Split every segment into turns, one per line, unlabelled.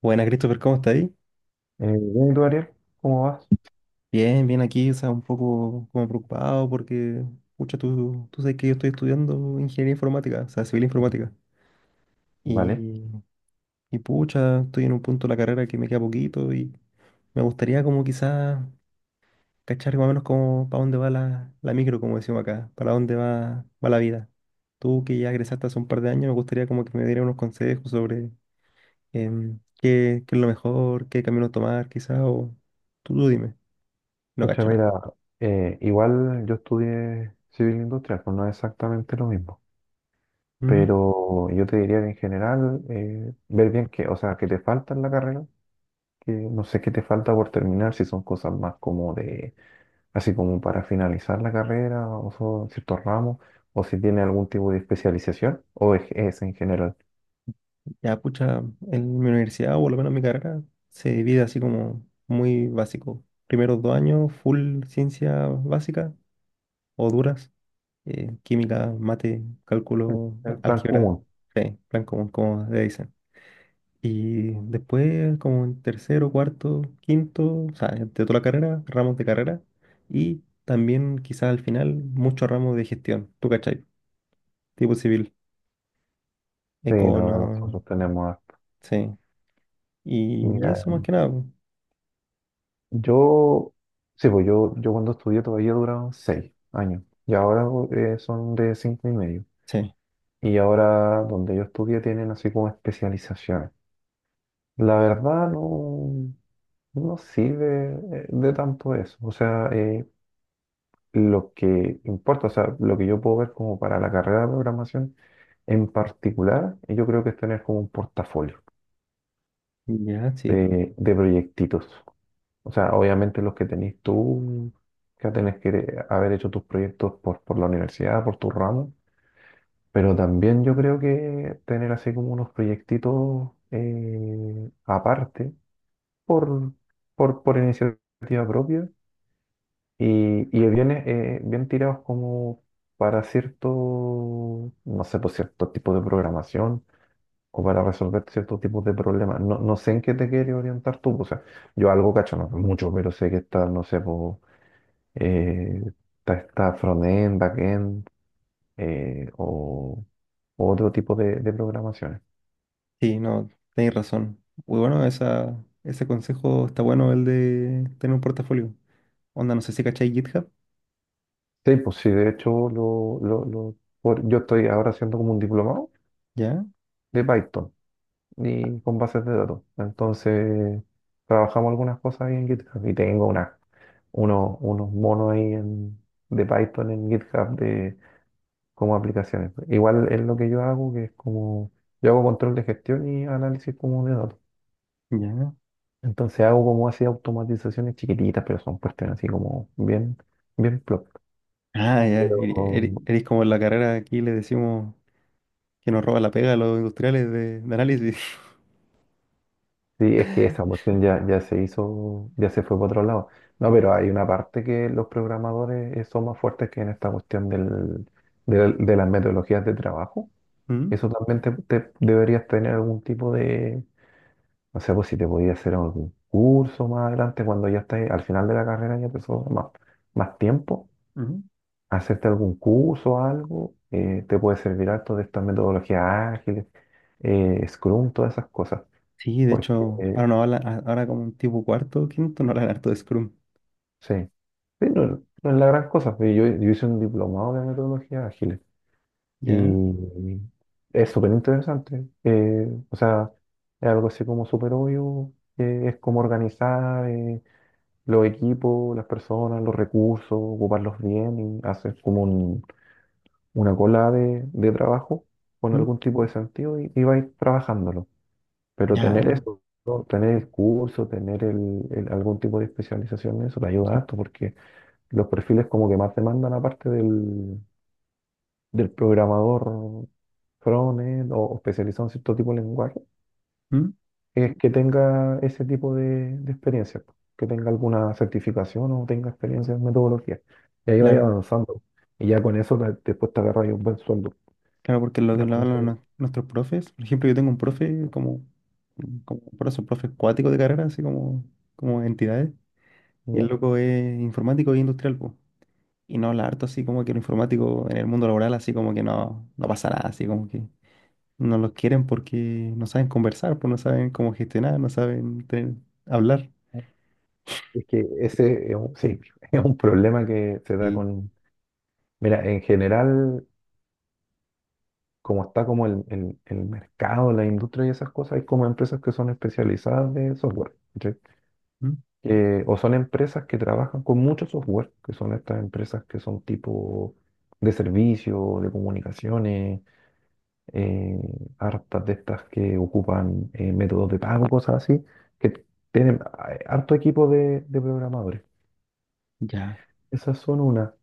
Buena, Christopher, ¿cómo estás ahí?
Bien, ¿y tú, Ariel? ¿Cómo vas?
Bien, bien aquí, o sea, un poco como preocupado porque, pucha, tú sabes que yo estoy estudiando ingeniería informática, o sea, civil informática.
Vale.
Y, y pucha, estoy en un punto de la carrera que me queda poquito y me gustaría como quizás cachar más o menos como para dónde va la micro, como decimos acá, para dónde va la vida. Tú que ya egresaste hace un par de años, me gustaría como que me dieras unos consejos sobre qué es lo mejor, qué camino tomar, quizás, o tú dime, no
Escucha,
cacho nada.
mira, igual yo estudié civil industrial, pues no es exactamente lo mismo,
¿Mm?
pero yo te diría que en general, ver bien qué, o sea, qué te falta en la carrera, que no sé qué te falta por terminar, si son cosas más como de, así como para finalizar la carrera, o son ciertos ramos, o si tiene algún tipo de especialización, o es en general
Ya, pucha, en mi universidad, o por lo menos en mi carrera, se divide así como muy básico. Primeros 2 años, full ciencia básica o duras, química, mate,
el,
cálculo,
el plan
álgebra,
común,
sí, plan común, como le dicen. Y después, como en tercero, cuarto, quinto, o sea, de toda la carrera, ramos de carrera, y también quizás al final, muchos ramos de gestión, ¿tú cachai? Tipo civil,
pero
econo,
nosotros tenemos harto.
sí. Y eso más que nada, pues,
Yo, sí, pues yo cuando estudié todavía duraron 6 años y ahora son de 5 y medio.
sí.
Y ahora donde yo estudié tienen así como especializaciones. La verdad no sirve de tanto eso. O sea, lo que importa, o sea, lo que yo puedo ver como para la carrera de programación en particular, yo creo que es tener como un portafolio
Ya, sí.
de proyectitos. O sea, obviamente los que tenés tú, que tenés que haber hecho tus proyectos por la universidad, por tu ramo, pero también yo creo que tener así como unos proyectitos aparte, por, por iniciativa propia, y bien, bien tirados como para cierto, no sé, por cierto tipo de programación, o para resolver ciertos tipos de problemas. No, no sé en qué te quieres orientar tú, pues, o sea, yo algo cacho, no mucho, pero sé que está, no sé, pues eh, está frontend, backend eh, o o otro tipo de programaciones.
Sí, no, tenéis razón. Muy bueno, esa, ese consejo está bueno, el de tener un portafolio. Onda, no sé si cacháis GitHub.
Sí, pues sí, de hecho yo estoy ahora haciendo como un diplomado
Ya,
de Python y con bases de datos. Entonces trabajamos algunas cosas ahí en GitHub y tengo unos monos de Python en GitHub de como aplicaciones. Igual es lo que yo hago, que es como yo hago control de gestión y análisis como de datos.
ya.
Entonces hago como así automatizaciones chiquititas, pero son cuestiones así como bien, bien plop.
Ah, ya.
Pero
eri-
um,
eri- Eres como en la carrera aquí le decimos que nos roba la pega a los industriales de análisis.
sí, es que esa cuestión ya se hizo, ya se fue para otro lado. No, pero hay una parte que los programadores son más fuertes que en esta cuestión de las metodologías de trabajo.
Mm,
Eso también deberías tener algún tipo de, no sé, pues si te podías hacer algún curso más adelante cuando ya estés al final de la carrera ya te sobra más tiempo
mm.
hacerte algún curso o algo, te puede servir harto de estas metodologías ágiles, Scrum, todas esas cosas.
Sí, de
Porque,
hecho, ahora no hablan, ahora como un tipo cuarto, quinto, no hablan harto de Scrum.
sí, sí, no es la gran cosa. Pero yo hice un diplomado de metodologías ágiles
Ya,
y es súper interesante. O sea, es algo así como súper obvio, es como organizar los equipos, las personas, los recursos, ocuparlos bien y hacer como un una cola de trabajo con
mm,
algún tipo de sentido y vais trabajándolo. Pero tener, claro,
ya,
eso, ¿no? Tener el curso, tener algún tipo de especialización en eso te ayuda harto porque los perfiles como que más demandan aparte del programador frontend o especializado en cierto tipo de lenguaje,
mm,
es que tenga ese tipo de experiencia, po, que tenga alguna certificación o tenga experiencia en metodología. Y ahí vaya
claro.
avanzando. Y ya con eso después te agarras un buen sueldo.
Claro, porque lo que
Ya
lo
con eso.
hablan a nuestros profes, por ejemplo, yo tengo un profe como, como, por eso, profe acuático de carrera, así como entidades, y el
¿Ya?
loco es informático e industrial, po. Y no habla harto así como que lo informático en el mundo laboral, así como que no, no pasa nada, así como que no los quieren porque no saben conversar, pues no saben cómo gestionar, no saben hablar.
Es que ese es un, sí, es un problema que se da
Sí,
con... Mira, en general, como está como el mercado, la industria y esas cosas, hay como empresas que son especializadas de software, ¿cachai?
¿Mm?
O son empresas que trabajan con mucho software, que son estas empresas que son tipo de servicio, de comunicaciones, eh, hartas de estas que ocupan métodos de pago, cosas así, que tienen harto equipo de programadores.
Ya,
Esas son una,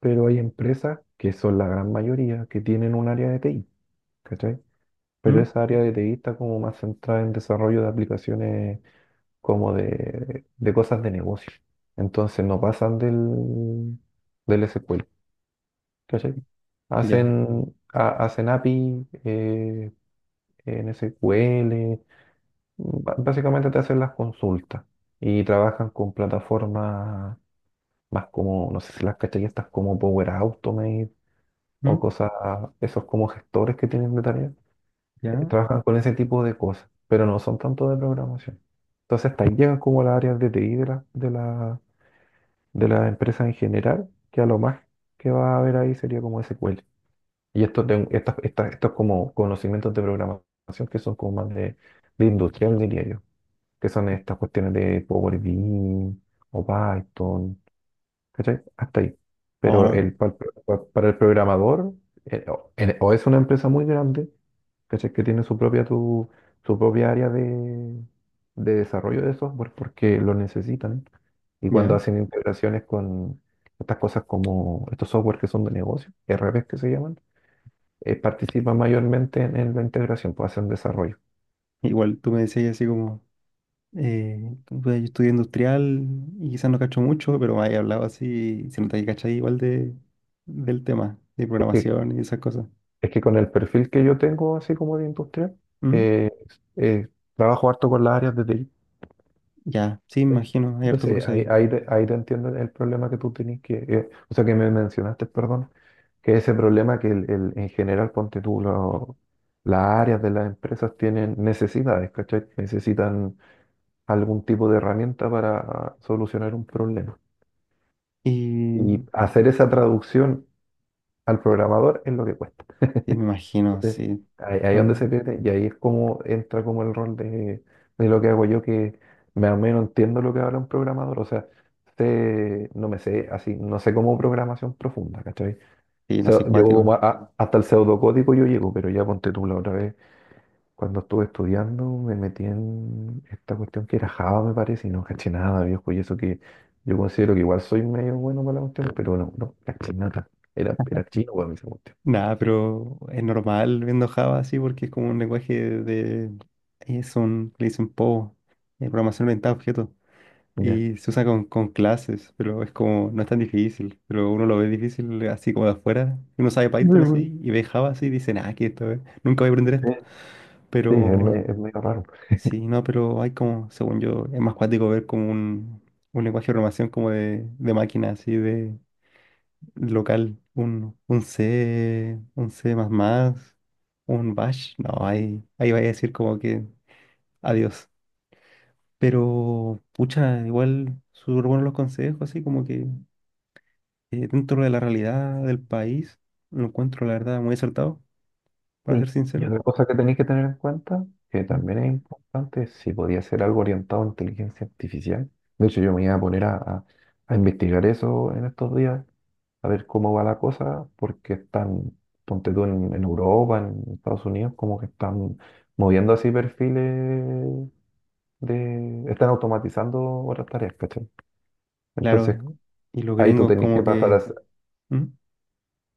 pero hay empresas que son la gran mayoría que tienen un área de TI, ¿cachai? Pero
¿Mm?
esa área de TI está como más centrada en desarrollo de aplicaciones como de cosas de negocio. Entonces no pasan del SQL, ¿cachai?
Ya,
Hacen API en SQL, básicamente te hacen las consultas y trabajan con plataformas más como, no sé si las cachai, estas como Power Automate o
¿Mm?
cosas, esos como gestores que tienen de tarea,
Ya,
trabajan con ese tipo de cosas, pero no son tanto de programación. Entonces, hasta ahí llegan como las áreas de TI de la empresa en general, que a lo más que va a haber ahí sería como SQL. Y estos como conocimientos de programación que son como más de industrial, diría yo, que son estas cuestiones de Power BI o Python, ¿cachai? Hasta ahí. Pero
ahora,
para el programador, o es una empresa muy grande, ¿cachai? Que tiene su propia, su propia área de desarrollo de software porque lo necesitan. Y cuando
ya.
hacen integraciones con estas cosas como estos software que son de negocio, RPs que se llaman, participan mayormente en la integración, pues hacen desarrollo.
Igual tú me decías así como. Eh, pues, yo estudié industrial y quizás no cacho mucho, pero me había hablado así, se nota que cachai igual de, del tema, de
Es que,
programación y esas cosas.
es que con el perfil que yo tengo, así como de industrial,
¿Mm?
eh, eh, trabajo harto con las áreas de TI.
Ya, sí, me
¿Sí?
imagino, hay harto
Entonces,
cruce ahí.
ahí te entiendo el problema que tú tenías, que, o sea, que me mencionaste, perdón, que ese problema que en general, ponte tú, las áreas de las empresas tienen necesidades, ¿cachai? Necesitan algún tipo de herramienta para solucionar un problema.
Y
Y hacer esa traducción al programador es lo que cuesta.
sí, me imagino,
Sí.
sí,
Ahí es donde se
son,
pierde y ahí es como entra como el rol de lo que hago yo, que más o menos entiendo lo que habla un programador, o sea, no me sé así, no sé cómo programación profunda, ¿cachai?
sí,
O
no
sea,
sé,
llego
cuáticos.
como hasta el pseudocódigo yo llego, pero ya ponte tú la otra vez, cuando estuve estudiando me metí en esta cuestión que era Java, me parece, y no caché nada, viejo, y eso que yo considero que igual soy medio bueno para la cuestión, pero no caché nada, era chino para mí esa cuestión.
Nada, pero es normal viendo Java así porque es como un lenguaje de, es un, le dicen PO, programación orientada a objetos.
Ya.
Y se usa con clases, pero es como, no es tan difícil, pero uno lo ve difícil así como de afuera. Uno sabe
Muy
Python
bueno.
así y ve Java así y dice, nada, que esto es, nunca voy a aprender esto.
Sí. Sí, es,
Pero
es medio raro.
sí, no, pero hay como, según yo, es más cuático ver como un lenguaje de programación como de, máquina, así de local, un C, un C++, un Bash. No, ahí vaya a decir como que adiós. Pero, pucha, igual súper buenos los consejos, así como que dentro de la realidad del país, lo encuentro, la verdad, muy acertado, para ser
Y, y
sincero.
otra cosa que tenéis que tener en cuenta, que
¿Mm?
también es importante, si podía ser algo orientado a inteligencia artificial. De hecho, yo me iba a poner a investigar eso en estos días, a ver cómo va la cosa, porque están, ponte tú en, Europa, en Estados Unidos, como que están moviendo así perfiles de... Están automatizando otras tareas, ¿cachai?
Claro,
Entonces,
y los
ahí tú
gringos
tenés
como
que pasar
que,
a,
¿Mm?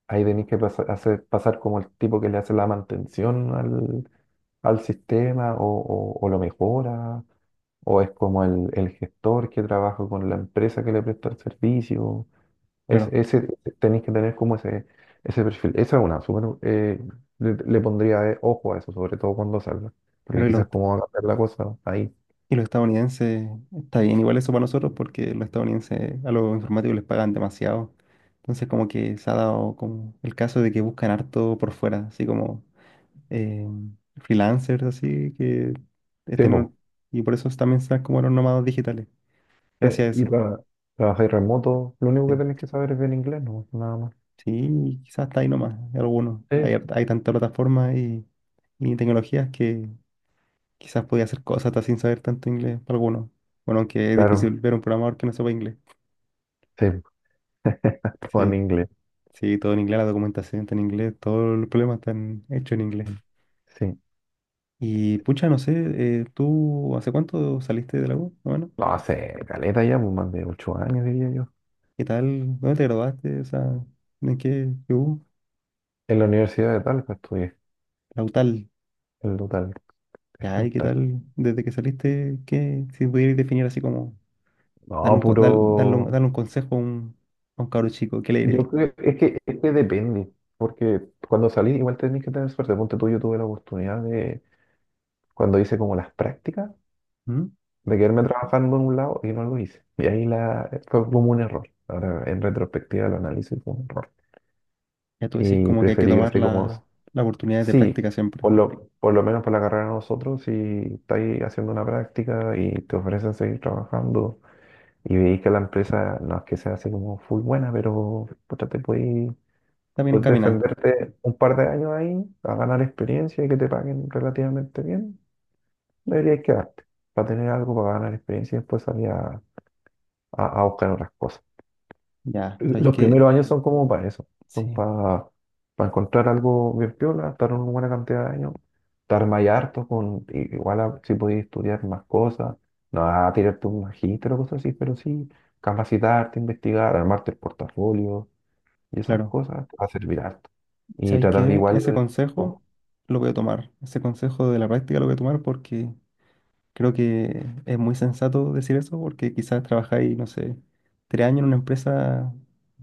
ahí tenéis que hacer pasar como el tipo que le hace la mantención al sistema o lo mejora, o es como el gestor que trabaja con la empresa que le presta el servicio.
Claro,
Ese, tenéis que tener como ese perfil. Esa es una, súper, le pondría ojo a eso, sobre todo cuando salga, porque
pero y los,
quizás como va a cambiar la cosa ahí.
y los estadounidenses, está bien igual eso para nosotros porque los estadounidenses a los informáticos les pagan demasiado. Entonces como que se ha dado como el caso de que buscan harto por fuera, así como eh, freelancers, así que es
Sí, po.
y por eso también están como los nómadas digitales, gracias
Eh,
a
Y
eso.
tra- trabajáis remoto, lo único que
Sí.
tenéis que saber es bien inglés, no, nada más.
Sí, quizás está ahí nomás, algunos. Hay,
Sí,
har- hay tantas plataformas y tecnologías que quizás podía hacer cosas hasta sin saber tanto inglés para algunos. Bueno, aunque es
claro,
difícil ver un programador que no sepa inglés.
sí, todo en
Sí,
inglés.
sí, todo en inglés, la documentación está en inglés, todos los problemas están hechos en inglés.
Sí.
Y pucha, no sé, ¿tú hace cuánto saliste de la U? Bueno,
No, hace caleta ya, pues más de 8 años, diría yo.
¿qué tal? ¿Dónde te graduaste? O sea, ¿en qué U?
En la Universidad de Talca estudié.
La UTAL.
El Lutal, el
Ya, ¿y qué
Lutal.
tal? Desde que saliste, ¿qué? Si pudieras definir así como Darle
No,
un, con- dar- darle un,
puro.
darle un consejo a un cabro chico, ¿qué le dirías?
Yo creo es que depende. Porque cuando salí, igual tenés que tener suerte. Ponte tú, yo tuve la oportunidad de, cuando hice como las prácticas,
¿Mm?
de quedarme trabajando en un lado y no lo hice. Y ahí fue como un error. Ahora, en retrospectiva, lo analizo y fue un error.
Ya tú decís
Y
como que hay que
preferí que
tomar
así como.
la, las oportunidades de
Sí,
práctica siempre.
por lo menos por la carrera de nosotros, si estáis haciendo una práctica y te ofrecen seguir trabajando y veis que la empresa no es que sea así como full buena, pero puta,
Está bien
puedes
encaminada.
defenderte un par de años ahí a ganar experiencia y que te paguen relativamente bien, deberías quedarte para tener algo para ganar experiencia y después salir a buscar otras cosas.
Ya, ¿sabéis
Los
qué?
primeros años son como para eso, son
Sí,
para encontrar algo bien piola, estar una buena cantidad de años, estar más harto con, si podías estudiar más cosas, no a tirarte un magíster o cosas así, pero sí capacitarte, investigar, armarte el portafolio y esas
claro.
cosas, va a servir harto. Y
¿Sabéis
tratar de
qué?
igual,
Ese consejo
po-
lo voy a tomar. Ese consejo de la práctica lo voy a tomar porque creo que es muy sensato decir eso porque quizás trabajáis, no sé, 3 años en una empresa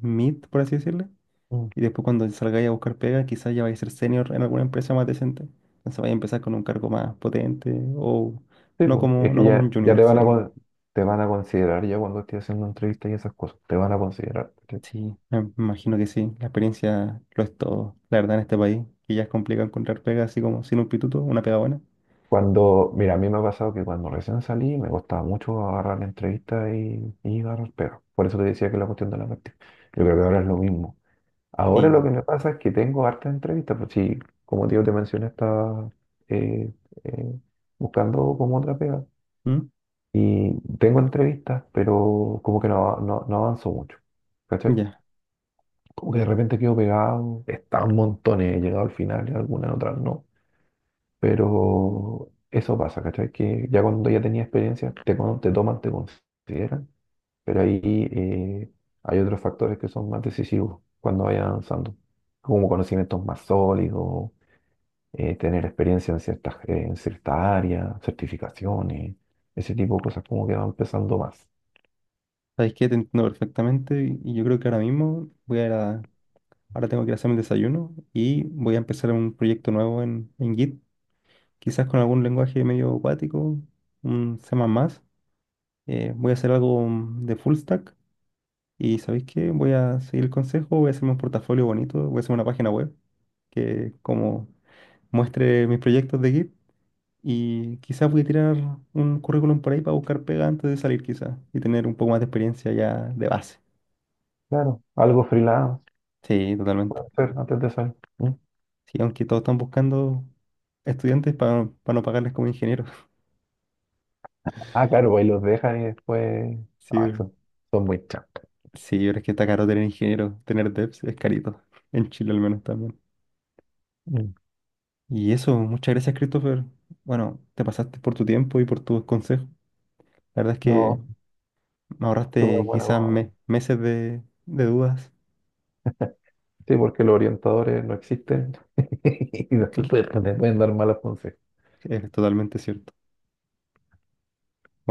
mid, por así decirlo.
mm,
Y después cuando salgáis a buscar pega, quizás ya vais a ser senior en alguna empresa más decente. Entonces vais a empezar con un cargo más potente o
sí,
no
po,
como,
es
no
que
como un
ya
junior, sí.
te van a considerar ya cuando estés haciendo entrevistas y esas cosas, te van a considerar.
Sí, me imagino que sí. La experiencia lo es todo, la verdad, en este país. Que ya es complicado encontrar pega así como sin un pituto, una pega buena.
Cuando, mira, a mí me ha pasado que cuando recién salí me costaba mucho agarrar la entrevista y agarrar pega. Por eso te decía que la cuestión de la práctica. Yo creo que ahora es lo mismo. Ahora lo
Sí.
que me pasa es que tengo hartas entrevistas, pues sí, como tío te mencioné, estaba eh, eh, buscando como otra pega.
¿Mm?
Y tengo entrevistas, pero como que no avanzo mucho. ¿Cachai?
Ya,
Como que de repente quedo pegado, están montones, he llegado al final y algunas otras no. Pero eso pasa, ¿cachai? Que ya cuando ya tenía experiencia, te toman, te consideran, pero ahí eh, hay otros factores que son más decisivos cuando vayas avanzando, como conocimientos más sólidos, tener experiencia en ciertas áreas, certificaciones, ese tipo de cosas como que van empezando más.
sabéis que te entiendo perfectamente y yo creo que ahora mismo voy a ir. Ahora tengo que ir a hacerme el desayuno y voy a empezar un proyecto nuevo en Git, quizás con algún lenguaje medio acuático, un C++. Voy a hacer algo de full stack y ¿sabéis qué? Voy a seguir el consejo, voy a hacerme un portafolio bonito, voy a hacer una página web que como muestre mis proyectos de Git y quizás voy a tirar un currículum por ahí para buscar pega antes de salir quizás y tener un poco más de experiencia ya de base.
Claro, algo freelance
Sí, totalmente.
puede ser antes de salir. ¿Mm?
Sí, aunque todos están buscando estudiantes para no pagarles como ingenieros.
Ah, claro, pues ahí los dejan y después... Ah,
Sí,
son muy chancas.
sí, pero es que está caro tener ingenieros, tener devs es carito, en Chile al menos también.
Mm.
Y eso, muchas gracias, Christopher. Bueno, te pasaste por tu tiempo y por tus consejos. La verdad es que
No,
me
súper
ahorraste quizás
bueno.
meses de dudas.
Sí, porque los orientadores no existen y después
Cl-
te pueden dar malas consejos.
Es totalmente cierto.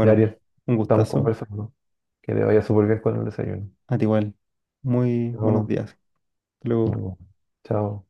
Ya, Ariel,
un
estamos
gustazo.
conversando. Que te vaya súper bien con el desayuno.
A ti igual. Muy buenos
Chao.
días. Hasta
Nos
luego.
vemos. Chao.